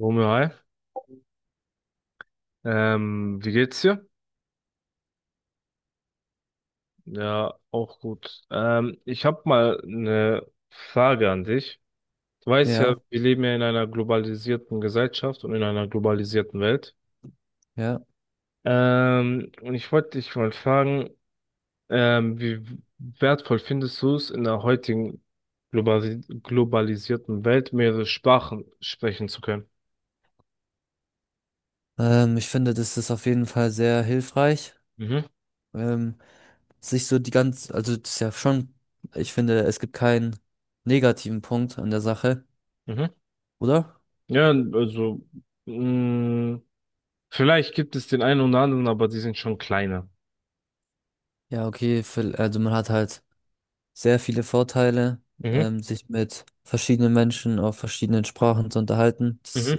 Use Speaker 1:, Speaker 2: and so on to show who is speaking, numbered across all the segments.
Speaker 1: Romeo, hi. Wie geht's dir? Ja, auch gut. Ich habe mal eine Frage an dich. Du weißt ja,
Speaker 2: Ja,
Speaker 1: wir leben ja in einer globalisierten Gesellschaft und in einer globalisierten Welt.
Speaker 2: ja.
Speaker 1: Und ich wollte dich mal fragen, wie wertvoll findest du es, in der heutigen globalisierten Welt mehrere Sprachen sprechen zu können?
Speaker 2: Ich finde, das ist auf jeden Fall sehr hilfreich.
Speaker 1: Mhm,
Speaker 2: Ähm, Sich so die ganz, also das ist ja schon, ich finde, es gibt keinen negativen Punkt an der Sache,
Speaker 1: mhm.
Speaker 2: oder?
Speaker 1: Ja, also, mh, vielleicht gibt es den einen oder anderen, aber die sind schon kleiner.
Speaker 2: Ja, okay, also man hat halt sehr viele Vorteile,
Speaker 1: Mhm.
Speaker 2: sich mit verschiedenen Menschen auf verschiedenen Sprachen zu unterhalten. Das
Speaker 1: Mhm.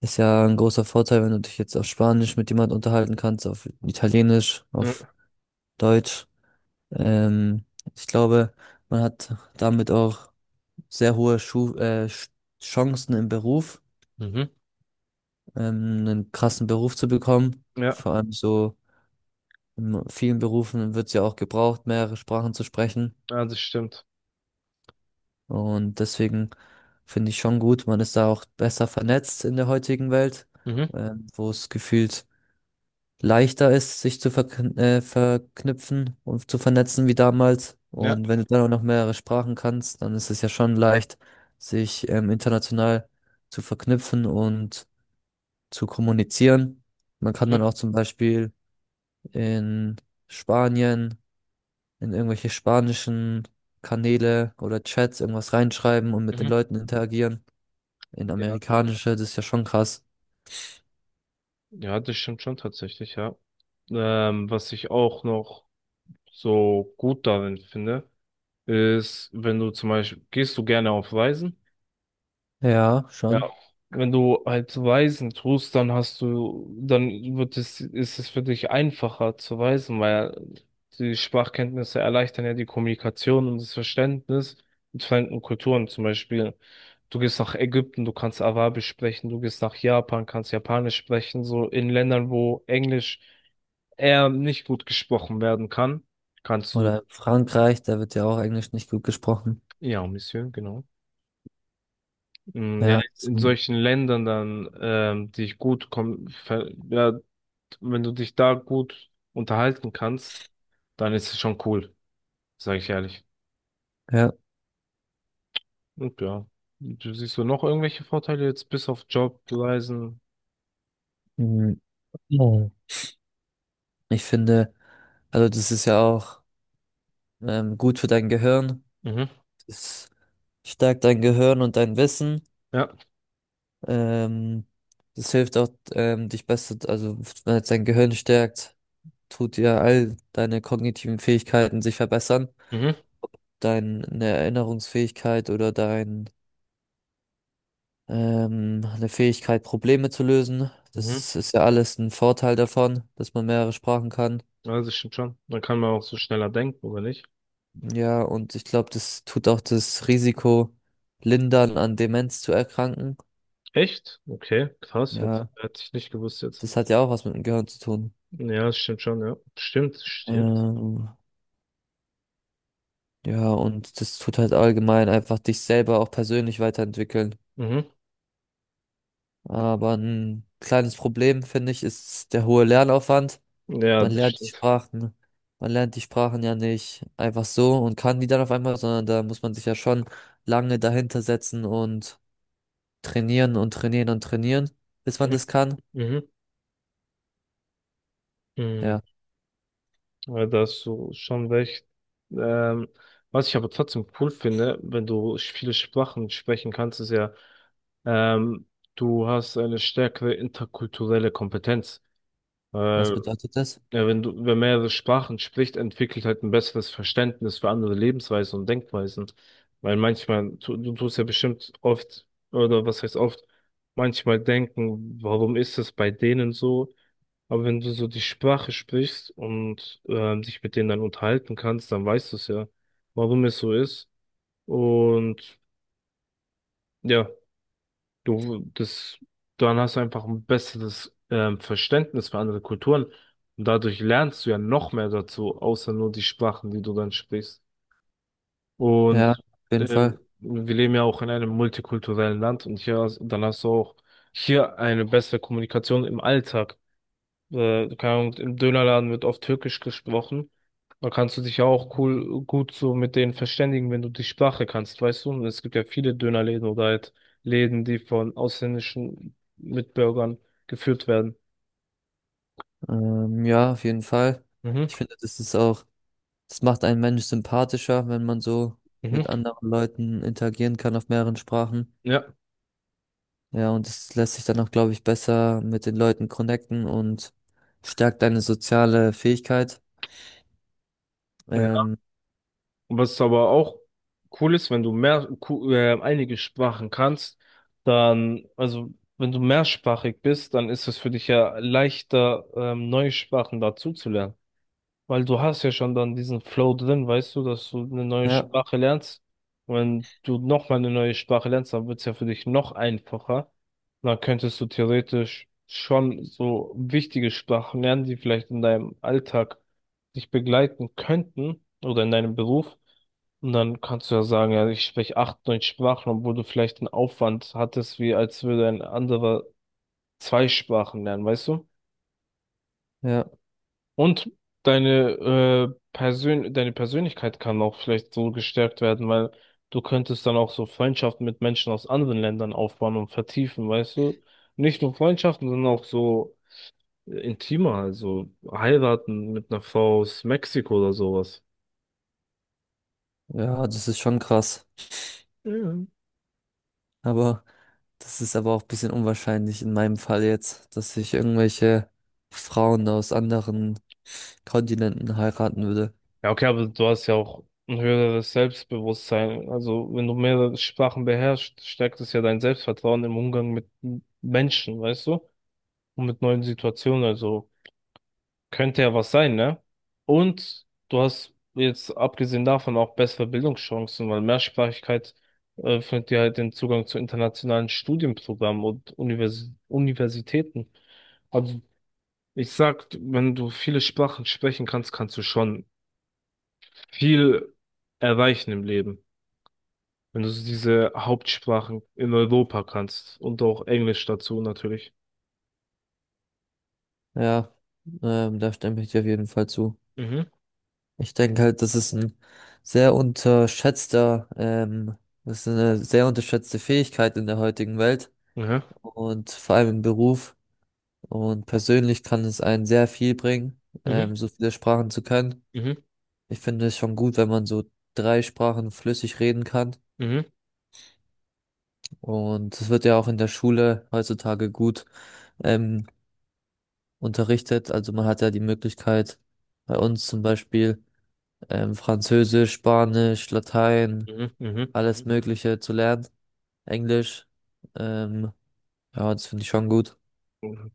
Speaker 2: ist ja ein großer Vorteil, wenn du dich jetzt auf Spanisch mit jemand unterhalten kannst, auf Italienisch, auf
Speaker 1: Mhm.
Speaker 2: Deutsch. Ähm, Ich glaube, man hat damit auch sehr hohe Chancen im Beruf,
Speaker 1: Mhm.
Speaker 2: einen krassen Beruf zu bekommen.
Speaker 1: Ja,
Speaker 2: Vor allem so in vielen Berufen wird es ja auch gebraucht, mehrere Sprachen zu sprechen.
Speaker 1: ja, das stimmt.
Speaker 2: Und deswegen finde ich schon gut, man ist da auch besser vernetzt in der heutigen Welt,
Speaker 1: Mhm.
Speaker 2: wo es gefühlt leichter ist, sich zu verknüpfen und zu vernetzen wie damals.
Speaker 1: Ja,
Speaker 2: Und wenn du dann auch noch mehrere Sprachen kannst, dann ist es ja schon leicht, sich international zu verknüpfen und zu kommunizieren. Man kann dann
Speaker 1: Mhm.
Speaker 2: auch zum Beispiel in Spanien, in irgendwelche spanischen Kanäle oder Chats irgendwas reinschreiben und mit den
Speaker 1: Mhm.
Speaker 2: Leuten interagieren. In
Speaker 1: ja,
Speaker 2: amerikanische, das ist ja schon krass.
Speaker 1: ja, das stimmt schon tatsächlich, ja. Was ich auch noch so gut darin finde, ist, wenn du zum Beispiel, gehst du gerne auf Reisen?
Speaker 2: Ja,
Speaker 1: Ja,
Speaker 2: schon.
Speaker 1: wenn du halt Weisen tust, dann wird es, ist es für dich einfacher zu weisen, weil die Sprachkenntnisse erleichtern ja die Kommunikation und das Verständnis mit fremden Kulturen. Zum Beispiel, du gehst nach Ägypten, du kannst Arabisch sprechen, du gehst nach Japan, kannst Japanisch sprechen, so in Ländern, wo Englisch eher nicht gut gesprochen werden kann, kannst du,
Speaker 2: Oder in Frankreich, da wird ja auch Englisch nicht gut gesprochen.
Speaker 1: ja, Monsieur, genau. Ja,
Speaker 2: Ja,
Speaker 1: in
Speaker 2: so,
Speaker 1: solchen Ländern dann, die gut kommen ja. Und wenn du dich da gut unterhalten kannst, dann ist es schon cool, sage ich ehrlich.
Speaker 2: ja.
Speaker 1: Und ja, du siehst du noch irgendwelche Vorteile jetzt bis auf Job, Reisen?
Speaker 2: Mhm. Mhm. Ich finde, also das ist ja auch gut für dein Gehirn.
Speaker 1: Mhm.
Speaker 2: Es stärkt dein Gehirn und dein Wissen.
Speaker 1: Ja.
Speaker 2: Ähm, Das hilft auch, dich besser, also wenn es dein Gehirn stärkt, tut dir all deine kognitiven Fähigkeiten sich verbessern.
Speaker 1: Mhm.
Speaker 2: Deine Erinnerungsfähigkeit oder dein, eine Fähigkeit, Probleme zu lösen.
Speaker 1: Mhm.
Speaker 2: Das ist ja alles ein Vorteil davon, dass man mehrere Sprachen kann.
Speaker 1: Also stimmt schon. Dann kann man auch so schneller denken, oder nicht?
Speaker 2: Ja, und ich glaube, das tut auch das Risiko lindern, an Demenz zu erkranken.
Speaker 1: Echt? Okay, krass,
Speaker 2: Ja,
Speaker 1: hätte ich nicht gewusst jetzt.
Speaker 2: das hat ja auch was mit dem Gehirn zu tun.
Speaker 1: Ja, das stimmt schon, ja. Stimmt, stimmt.
Speaker 2: Ähm, Ja, und das tut halt allgemein einfach dich selber auch persönlich weiterentwickeln.
Speaker 1: Mhm.
Speaker 2: Aber ein kleines Problem, finde ich, ist der hohe Lernaufwand.
Speaker 1: Ja,
Speaker 2: Man
Speaker 1: das
Speaker 2: lernt die
Speaker 1: stimmt.
Speaker 2: Sprachen, Man lernt die Sprachen ja nicht einfach so und kann die dann auf einmal, sondern da muss man sich ja schon lange dahinter setzen und trainieren und trainieren und trainieren, bis man
Speaker 1: Mhm.
Speaker 2: das kann.
Speaker 1: Mhm. Mhm.
Speaker 2: Ja,
Speaker 1: Ja, da hast du schon recht. Ähm, Was ich aber trotzdem cool finde, wenn du viele Sprachen sprechen kannst, ist ja, ähm, du hast eine stärkere interkulturelle Kompetenz.
Speaker 2: was
Speaker 1: Weil,
Speaker 2: bedeutet das?
Speaker 1: ja, wenn du, wer mehrere Sprachen spricht, entwickelt halt ein besseres Verständnis für andere Lebensweisen und Denkweisen. Weil manchmal, du tust ja bestimmt oft, oder was heißt oft, manchmal denken, warum ist es bei denen so? Aber wenn du so die Sprache sprichst und dich mit denen dann unterhalten kannst, dann weißt du es ja, warum es so ist. Und ja, du das, dann hast du einfach ein besseres Verständnis für andere Kulturen. Und dadurch lernst du ja noch mehr dazu, außer nur die Sprachen, die du dann sprichst.
Speaker 2: Ja,
Speaker 1: Und
Speaker 2: auf
Speaker 1: äh,
Speaker 2: jeden Fall.
Speaker 1: wir leben ja auch in einem multikulturellen Land und hier, dann hast du auch hier eine bessere Kommunikation im Alltag. Keine Ahnung, im Dönerladen wird oft Türkisch gesprochen. Da kannst du dich ja auch gut so mit denen verständigen, wenn du die Sprache kannst, weißt du? Und es gibt ja viele Dönerläden oder halt Läden, die von ausländischen Mitbürgern geführt werden.
Speaker 2: Ja, auf jeden Fall.
Speaker 1: Mhm,
Speaker 2: Ich finde, das ist auch das macht einen Mensch sympathischer, wenn man so mit
Speaker 1: mhm,
Speaker 2: anderen Leuten interagieren kann auf mehreren Sprachen.
Speaker 1: ja.
Speaker 2: Ja, und es lässt sich dann auch, glaube ich, besser mit den Leuten connecten und stärkt deine soziale Fähigkeit.
Speaker 1: Ja.
Speaker 2: Ähm,
Speaker 1: Was aber auch cool ist, wenn du einige Sprachen kannst, dann, also wenn du mehrsprachig bist, dann ist es für dich ja leichter, neue Sprachen dazuzulernen. Weil du hast ja schon dann diesen Flow drin, weißt du, dass du eine neue
Speaker 2: ja,
Speaker 1: Sprache lernst. Wenn du nochmal eine neue Sprache lernst, dann wird es ja für dich noch einfacher. Dann könntest du theoretisch schon so wichtige Sprachen lernen, die vielleicht in deinem Alltag dich begleiten könnten oder in deinem Beruf. Und dann kannst du ja sagen, ja, ich spreche acht, neun Sprachen, obwohl du vielleicht einen Aufwand hattest, wie als würde ein anderer zwei Sprachen lernen, weißt du?
Speaker 2: ja,
Speaker 1: Und deine, deine Persönlichkeit kann auch vielleicht so gestärkt werden, weil du könntest dann auch so Freundschaften mit Menschen aus anderen Ländern aufbauen und vertiefen, weißt du? Nicht nur Freundschaften, sondern auch so intimer, also heiraten mit einer Frau aus Mexiko oder sowas.
Speaker 2: ja, das ist schon krass.
Speaker 1: Mhm.
Speaker 2: Aber das ist aber auch ein bisschen unwahrscheinlich in meinem Fall jetzt, dass ich irgendwelche Frauen aus anderen Kontinenten heiraten würde.
Speaker 1: Ja, okay, aber du hast ja auch ein höheres Selbstbewusstsein. Also, wenn du mehrere Sprachen beherrschst, stärkt es ja dein Selbstvertrauen im Umgang mit Menschen, weißt du? Und mit neuen Situationen. Also, könnte ja was sein, ne? Und du hast jetzt abgesehen davon auch bessere Bildungschancen, weil Mehrsprachigkeit öffnet dir halt den Zugang zu internationalen Studienprogrammen und Universitäten. Also ich sag, wenn du viele Sprachen sprechen kannst, kannst du schon viel erreichen im Leben. Wenn du so diese Hauptsprachen in Europa kannst und auch Englisch dazu natürlich.
Speaker 2: Ja, da stimme ich dir auf jeden Fall zu.
Speaker 1: Mhm.
Speaker 2: Ich denke halt, das ist ein sehr unterschätzter, ähm, das ist eine sehr unterschätzte Fähigkeit in der heutigen Welt
Speaker 1: Mhm.
Speaker 2: und vor allem im Beruf. Und persönlich kann es einen sehr viel bringen,
Speaker 1: Mhm.
Speaker 2: so viele Sprachen zu können.
Speaker 1: Mhm.
Speaker 2: Ich finde es schon gut, wenn man so drei Sprachen flüssig reden kann.
Speaker 1: Mhm.
Speaker 2: Und es wird ja auch in der Schule heutzutage gut, ähm, unterrichtet. Also man hat ja die Möglichkeit, bei uns zum Beispiel, Französisch, Spanisch, Latein,
Speaker 1: Mhm. Mhm.
Speaker 2: alles Mhm. Mögliche zu lernen. Englisch. Ähm, ja, das finde ich schon gut.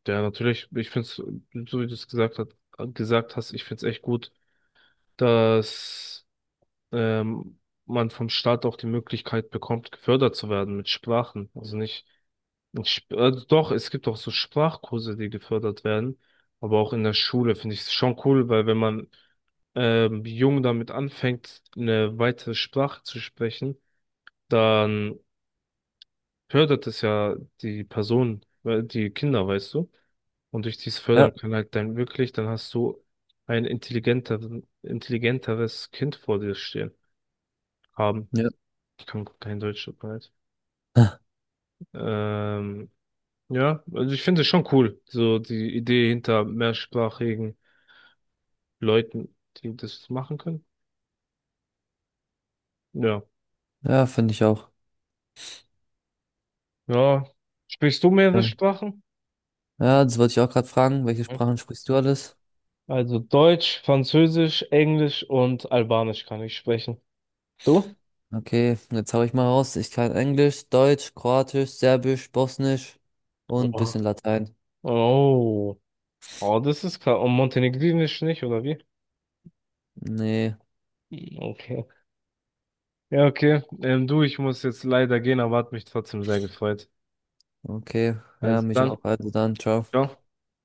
Speaker 1: Ja, natürlich, ich finde es, so wie du es gesagt hat, gesagt hast, ich finde es echt gut, dass ähm, man vom Staat auch die Möglichkeit bekommt, gefördert zu werden mit Sprachen. Also nicht, nicht doch, es gibt auch so Sprachkurse, die gefördert werden, aber auch in der Schule finde ich es schon cool, weil wenn man jung damit anfängt, eine weitere Sprache zu sprechen, dann fördert es ja die Person, die Kinder, weißt du? Und durch dieses
Speaker 2: Ja,
Speaker 1: Fördern kann halt dann wirklich, dann hast du intelligenteres Kind vor dir stehen haben.
Speaker 2: ja.
Speaker 1: Ich kann kein Deutsch, tut mir leid. Ähm, ja, also ich finde es schon cool, so die Idee hinter mehrsprachigen Leuten, die das machen können. Ja.
Speaker 2: Ja, finde ich auch.
Speaker 1: Ja. Sprichst du mehrere
Speaker 2: Ja,
Speaker 1: Sprachen?
Speaker 2: ja, das wollte ich auch gerade fragen. Welche
Speaker 1: Hm.
Speaker 2: Sprachen sprichst du alles?
Speaker 1: Also Deutsch, Französisch, Englisch und Albanisch kann ich sprechen. Du?
Speaker 2: Okay, jetzt hau ich mal raus. Ich kann Englisch, Deutsch, Kroatisch, Serbisch, Bosnisch und
Speaker 1: Oh.
Speaker 2: bisschen Latein.
Speaker 1: Oh, oh, das ist klar. Und Montenegrinisch nicht, oder wie?
Speaker 2: Nee,
Speaker 1: Okay. Ja, okay. Du, ich muss jetzt leider gehen, aber hat mich trotzdem sehr gefreut.
Speaker 2: okay. Ja,
Speaker 1: Also
Speaker 2: mich
Speaker 1: dann,
Speaker 2: auch. Also dann, ciao.
Speaker 1: ciao.